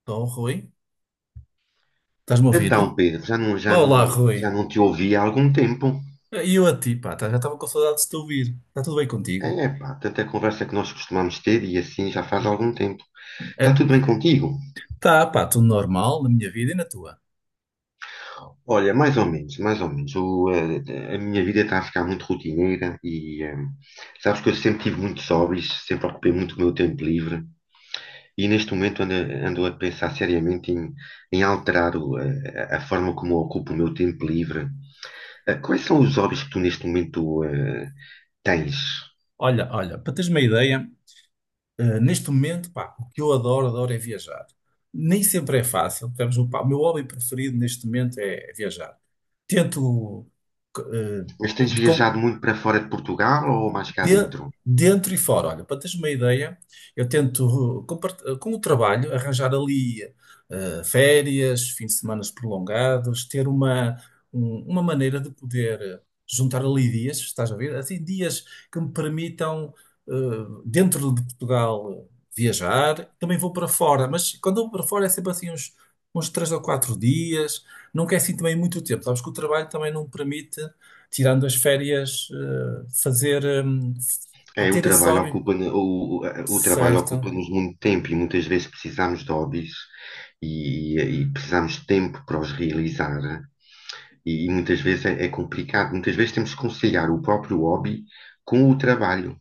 Estou, Rui? Estás-me a Então, ouvir? Pedro, já não, já Olá, não, Rui. já não te ouvi há algum tempo. E eu a ti, pá, já estava com saudades de te ouvir. Está tudo bem contigo? É, pá, tanta conversa que nós costumamos ter e assim já faz algum tempo. Está É, tudo bem contigo? tá, pá, tudo normal na minha vida e na tua. Olha, mais ou menos, mais ou menos. Minha vida está a ficar muito rotineira e sabes que eu sempre tive muitos hobbies, sempre ocupei muito o meu tempo livre e neste momento ando a pensar seriamente em alterar a forma como eu ocupo o meu tempo livre. Quais são os hobbies que tu neste momento tens? Olha, para teres uma ideia, neste momento, pá, o que eu adoro, adoro é viajar. Nem sempre é fácil. Temos, pá, o meu hobby preferido neste momento é viajar. Tento, eh, Mas tens viajado muito para fora de Portugal ou mais cá de- dentro? dentro e fora. Olha, para teres uma ideia, eu tento, com o trabalho, arranjar ali férias, fins de semana prolongados, ter uma maneira de poder juntar ali dias, estás a ver? Assim, dias que me permitam, dentro de Portugal, viajar. Também vou para fora, mas quando eu vou para fora é sempre assim uns três ou quatro dias. Não quer assim também muito tempo. Sabes que o trabalho também não permite tirando as férias, fazer, pá, É, o ter esse trabalho hobby. ocupa, o, o trabalho Certo, ocupa-nos muito tempo e muitas vezes precisamos de hobbies e precisamos de tempo para os realizar. E muitas vezes é complicado. Muitas vezes temos que conciliar o próprio hobby com o trabalho.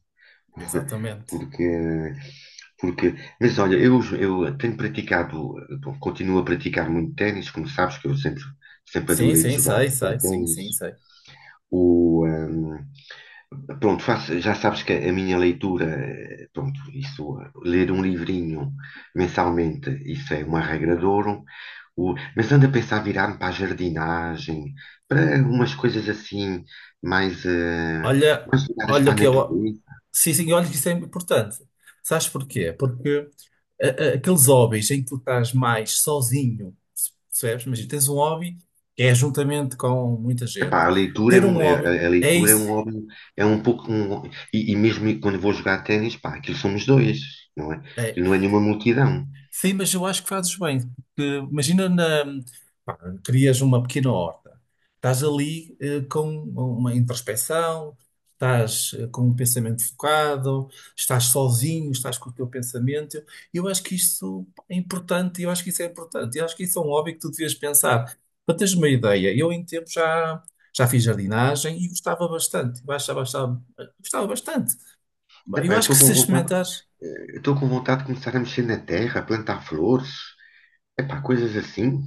exatamente. Porque, porque, mas olha, eu tenho praticado, bom, continuo a praticar muito ténis, como sabes, que eu sempre Sim, adorei de sim, sei, jogar sim, ténis. sim, sei. O, hum, Pronto, já sabes que a minha leitura, pronto, ler um livrinho mensalmente, isso é uma regra de ouro. O, mas ando a pensar virar-me para a jardinagem, para umas coisas assim, mais, eh, Olha, mais ligadas olha para o a que eu. natureza. Sim, sim, olha que isso é importante. Sabes porquê? Porque a- aqueles hobbies em que tu estás mais sozinho, percebes? Mas tens um hobby que é juntamente com muita gente. Epá, a leitura Ter um hobby, a é leitura é um isso. hobby, é um pouco um, e mesmo quando vou jogar ténis, pá, aquilo somos dois, não é? É. Aquilo não é nenhuma multidão. Sim, mas eu acho que fazes bem, porque imagina na, pá, crias uma pequena horta. Estás ali com uma introspeção, estás com um pensamento focado, estás sozinho, estás com o teu pensamento. Eu acho que isso é importante, eu acho que isso é importante. Eu acho que isso é um hobby que tu devias pensar. Para teres uma ideia, eu já fiz jardinagem e gostava bastante. Eu gostava bastante. Eu Epá, acho que se experimentares. eu estou com vontade de começar a mexer na terra, plantar flores, epá, coisas assim.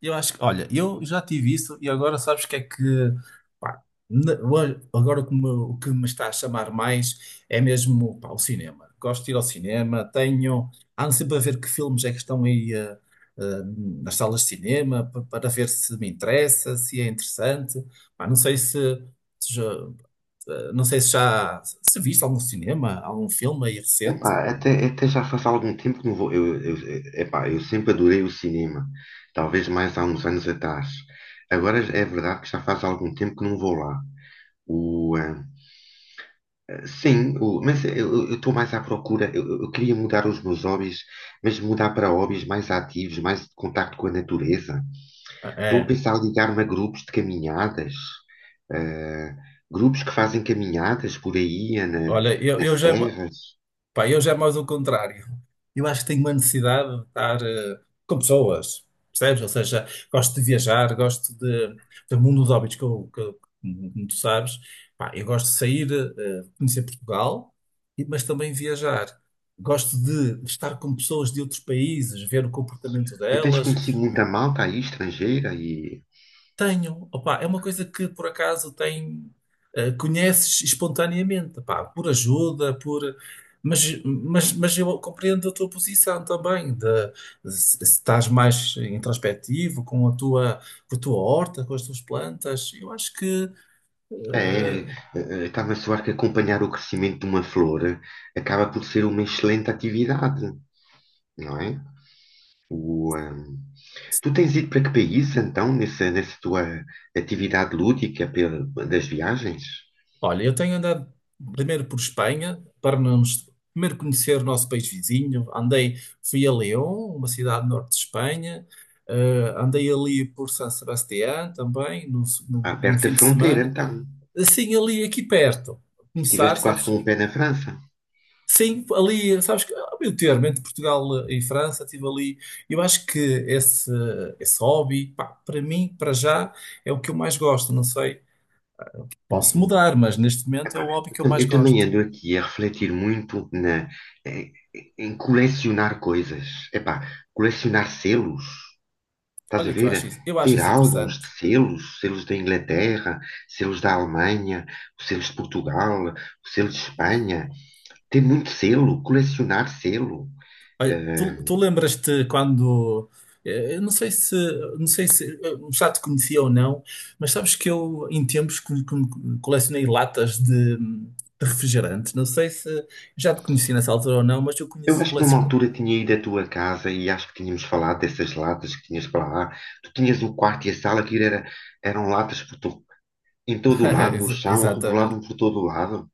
Eu acho que, olha, eu já tive isso e agora sabes o que é que, pá, agora o que me está a chamar mais é mesmo, pá, o cinema. Gosto de ir ao cinema, tenho. Ando sempre a ver que filmes é que estão aí eh, nas salas de cinema para ver se me interessa, se é interessante. Pá, não sei se, se já, não sei se já. Se viste algum cinema, algum filme aí recente. Epá, até já faz algum tempo que não vou. Epá, eu sempre adorei o cinema, talvez mais há uns anos atrás. Agora é verdade que já faz algum tempo que não vou lá. O, eh, Sim, mas eu estou mais à procura. Eu queria mudar os meus hobbies, mas mudar para hobbies mais ativos, mais de contacto com a natureza. Ah, Estou a é. pensar em ligar-me a grupos de caminhadas, eh, grupos que fazem caminhadas por aí, Olha, eu nas já. serras. Pá, eu já é mais o contrário. Eu acho que tenho uma necessidade de estar com pessoas, percebes? Ou seja, gosto de viajar, gosto de, do mundo dos hobbies, que como tu sabes. Pá, eu gosto de sair, conhecer Portugal, mas também viajar. Gosto de estar com pessoas de outros países, ver o comportamento E tens delas. conhecido muita malta aí, estrangeira, e Tenho, opá, é uma coisa que por acaso tem, conheces espontaneamente, opá, por ajuda, por. Mas eu compreendo a tua posição também, de, se se estás mais introspectivo com a tua horta, com as tuas plantas, eu acho que é, eh, eh, está-me a soar que acompanhar o crescimento de uma flor acaba por ser uma excelente atividade, não é? Tu tens ido para que país, então, nessa tua atividade lúdica das viagens? olha, eu tenho andado primeiro por Espanha para nos primeiro conhecer o nosso país vizinho. Andei, fui a León, uma cidade do norte de Espanha. Eh, andei ali por San Sebastián também, no, no, Ah, num perto fim da de fronteira, semana. então. Assim, ali aqui perto. Começar, Tiveste quase sabes? com o pé na França. Sim, ali, sabes que ao meu termo, entre Portugal e França, estive ali. Eu acho que esse hobby, pá, para mim, para já, é o que eu mais gosto. Não sei, posso Uhum. mudar, mas neste momento é o Epá, hobby que eu mais eu também gosto. ando aqui a refletir muito eh, em colecionar coisas. Epá, colecionar selos, estás a Olha que ver? Eu acho Ter isso álbuns interessante. de selos, selos da Inglaterra, selos da Alemanha, selos de Portugal, selos de Espanha. Tem muito selo, colecionar selo. Olha, tu, Eh, tu lembras-te quando, eu não sei se, não sei se já te conhecia ou não, mas sabes que eu em tempos colecionei latas de refrigerante. Não sei se já te conheci nessa altura ou não, mas eu eu conheço acho que numa coleciono. altura tinha ido à tua casa e acho que tínhamos falado dessas latas que tinhas para lá. Tu tinhas o quarto e a sala que eram latas em todo o lado, no chão, rebolavam Exatamente. por todo o lado.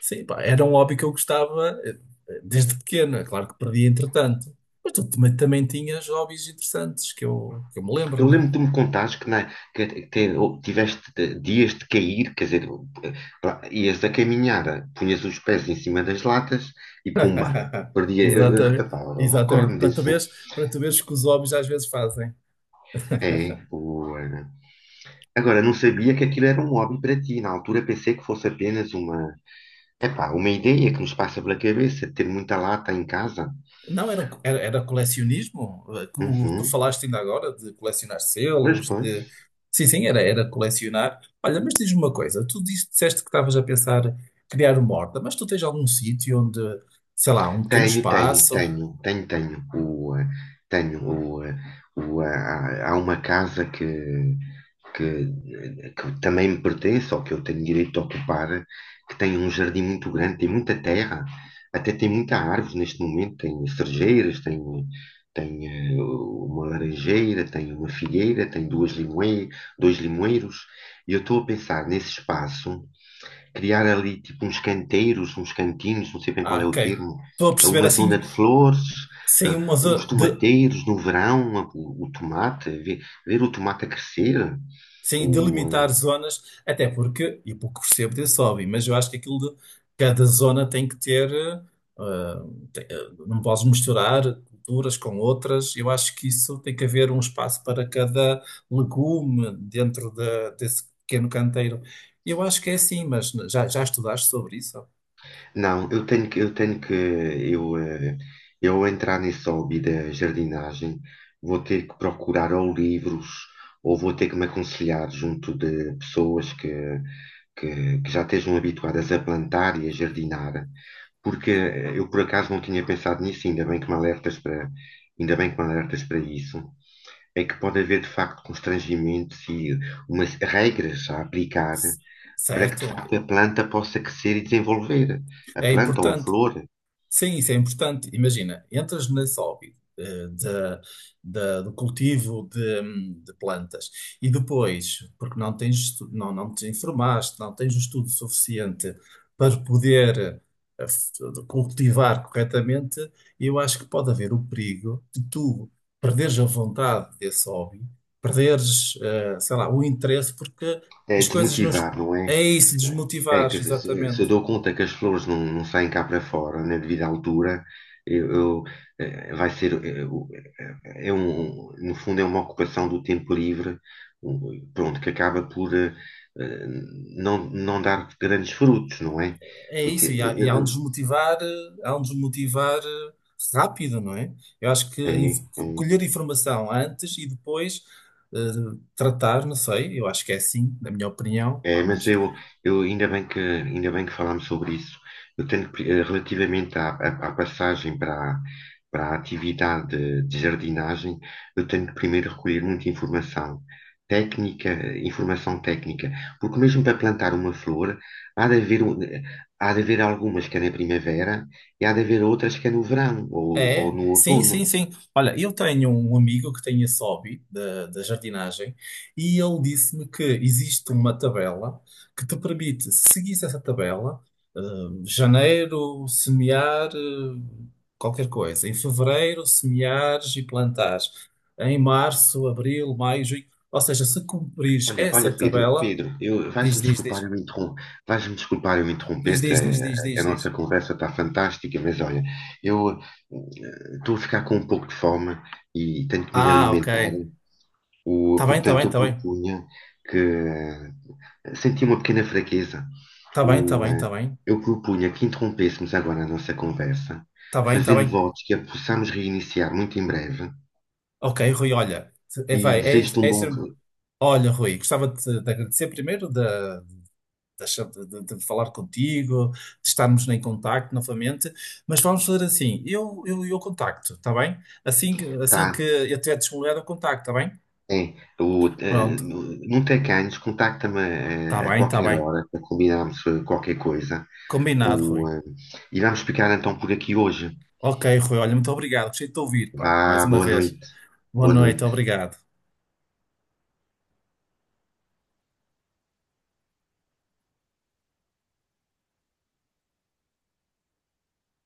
Sim, pá, era um hobby que eu gostava desde pequeno. É claro que perdi entretanto. Mas tu também, também tinhas hobbies interessantes que eu me Eu lembro lembro-me. que tu me contaste que tiveste dias de cair, quer dizer, eh, ias a caminhar, punhas os pés em cima das latas e pumba, perdia. Exatamente, Epá, eu exatamente. recordo-me disso. Para tu veres que os hobbies às vezes fazem. É, o, eh, Agora, não sabia que aquilo era um hobby para ti. Na altura pensei que fosse apenas epá, uma ideia que nos passa pela cabeça, de ter muita lata em casa. Não, era, um era, era colecionismo, como tu Uhum. falaste ainda agora, de colecionar Pois, selos, pois. de... Sim, sim, era, era colecionar. Olha, mas diz-me uma coisa, tu disseste que estavas a pensar criar uma horta, mas tu tens algum sítio onde, sei lá, um pequeno Tenho, tenho, espaço? tenho, tenho, tenho. O, eh, tenho o, eh, o, ah, Há uma casa que, que também me pertence ou que eu tenho direito a ocupar, que tem um jardim muito grande, tem muita terra, até tem muita árvore neste momento, tem cerejeiras, tem uma laranjeira, tem uma figueira, tem dois limoeiros, e eu estou a pensar nesse espaço, criar ali tipo uns canteiros, uns cantinhos, não sei bem qual Ah, é ok. o termo, Estou a perceber uma zona assim, de flores, sem uma uns zona. tomateiros no verão, o tomate, ver o tomate a crescer. Sem o, delimitar zonas, até porque, e pouco percebo desse hobby, mas eu acho que aquilo de cada zona tem que ter, ah, não podes misturar culturas com outras. Eu acho que isso tem que haver um espaço para cada legume dentro desse pequeno canteiro. Eu acho que é assim, mas já, já estudaste sobre isso? Não, eu tenho que, eu tenho que, eu, eh, eu entrar nesse hobby da jardinagem, vou ter que procurar ou livros, ou vou ter que me aconselhar junto de pessoas que já estejam habituadas a plantar e a jardinar, porque eu por acaso não tinha pensado nisso, ainda bem que me alertas ainda bem que me alertas para isso, é que pode haver de facto constrangimentos e umas regras a aplicar para que de Certo? facto a planta possa crescer e desenvolver a É planta ou a importante. flor. Sim, isso é importante. Imagina, entras nesse hobby do cultivo de plantas e depois, porque não tens, não, não te informaste, não tens o estudo suficiente para poder eh, f- cultivar corretamente, eu acho que pode haver o perigo de tu perderes a vontade desse hobby, perderes, sei lá, o interesse, porque É as coisas não, desmotivar, não é? é isso, É, desmotivares, quer dizer, se eu exatamente. dou conta que as flores não saem cá para fora na devida altura, eu, eh, vai ser, eh, o- eh, é um, no fundo é uma ocupação do tempo livre, um, pronto, que acaba por eh, não, não dar grandes frutos, não é? É Porque isso, e eh, há um desmotivar, há um desmotivar rápido, não é? Eu acho que a eh, eh, É, é. colher informação antes e depois tratar, não sei, eu acho que é assim, na minha opinião, É, pá, mas eu ainda bem ainda bem que falámos sobre isso. Eu tenho que relativamente à passagem para a atividade de jardinagem, eu tenho que primeiro recolher muita informação técnica, informação técnica, porque mesmo para plantar uma flor, há de há de haver algumas que é na primavera e há de haver outras que é no verão ou é, no sim, sim, outono. sim. Olha, eu tenho um amigo que tem esse hobby da, da jardinagem e ele disse-me que existe uma tabela que te permite, se seguires essa tabela, eh, janeiro, semear, qualquer coisa. Em fevereiro, semeares e plantares. Em março, abril, maio, junho. Ou seja, se cumprires Olha, essa olha, Pedro, tabela, Pedro, eu vais-me diz, diz, desculpar diz, eu interrom- vais-me desculpar eu diz, interromper-te, diz, diz, diz, a diz, nossa diz. conversa está fantástica, mas olha, eu estou a ficar com um pouco de fome e tenho que me ir Ah, ok. alimentar. Está bem, está bem, Portanto, eu está bem. propunha que senti uma pequena fraqueza. Está bem, está O, bem, eh, está bem. eu propunha que interrompêssemos agora a nossa conversa, Está bem, está fazendo bem. votos que a possamos reiniciar muito em breve Ok, Rui, olha, é, e vai, é, desejo-te um é isso. bom. Olha, Rui, gostava de, de agradecer primeiro de, de falar contigo, de estarmos em contacto novamente, mas vamos fazer assim, eu contacto, está bem? Assim, assim que Tá, eu tiver disponibilidade, eu contacto, está bem? Sim, o, eh, Pronto, no- não tem ganhos, contacta-me está a bem, está qualquer bem. hora para combinarmos qualquer coisa. Combinado, Rui. O, eh, e vamos ficar então por aqui hoje. Ok, Rui, olha, muito obrigado, gostei de te ouvir, pá, mais Vá, uma boa vez. noite. Boa Boa noite, noite. obrigado.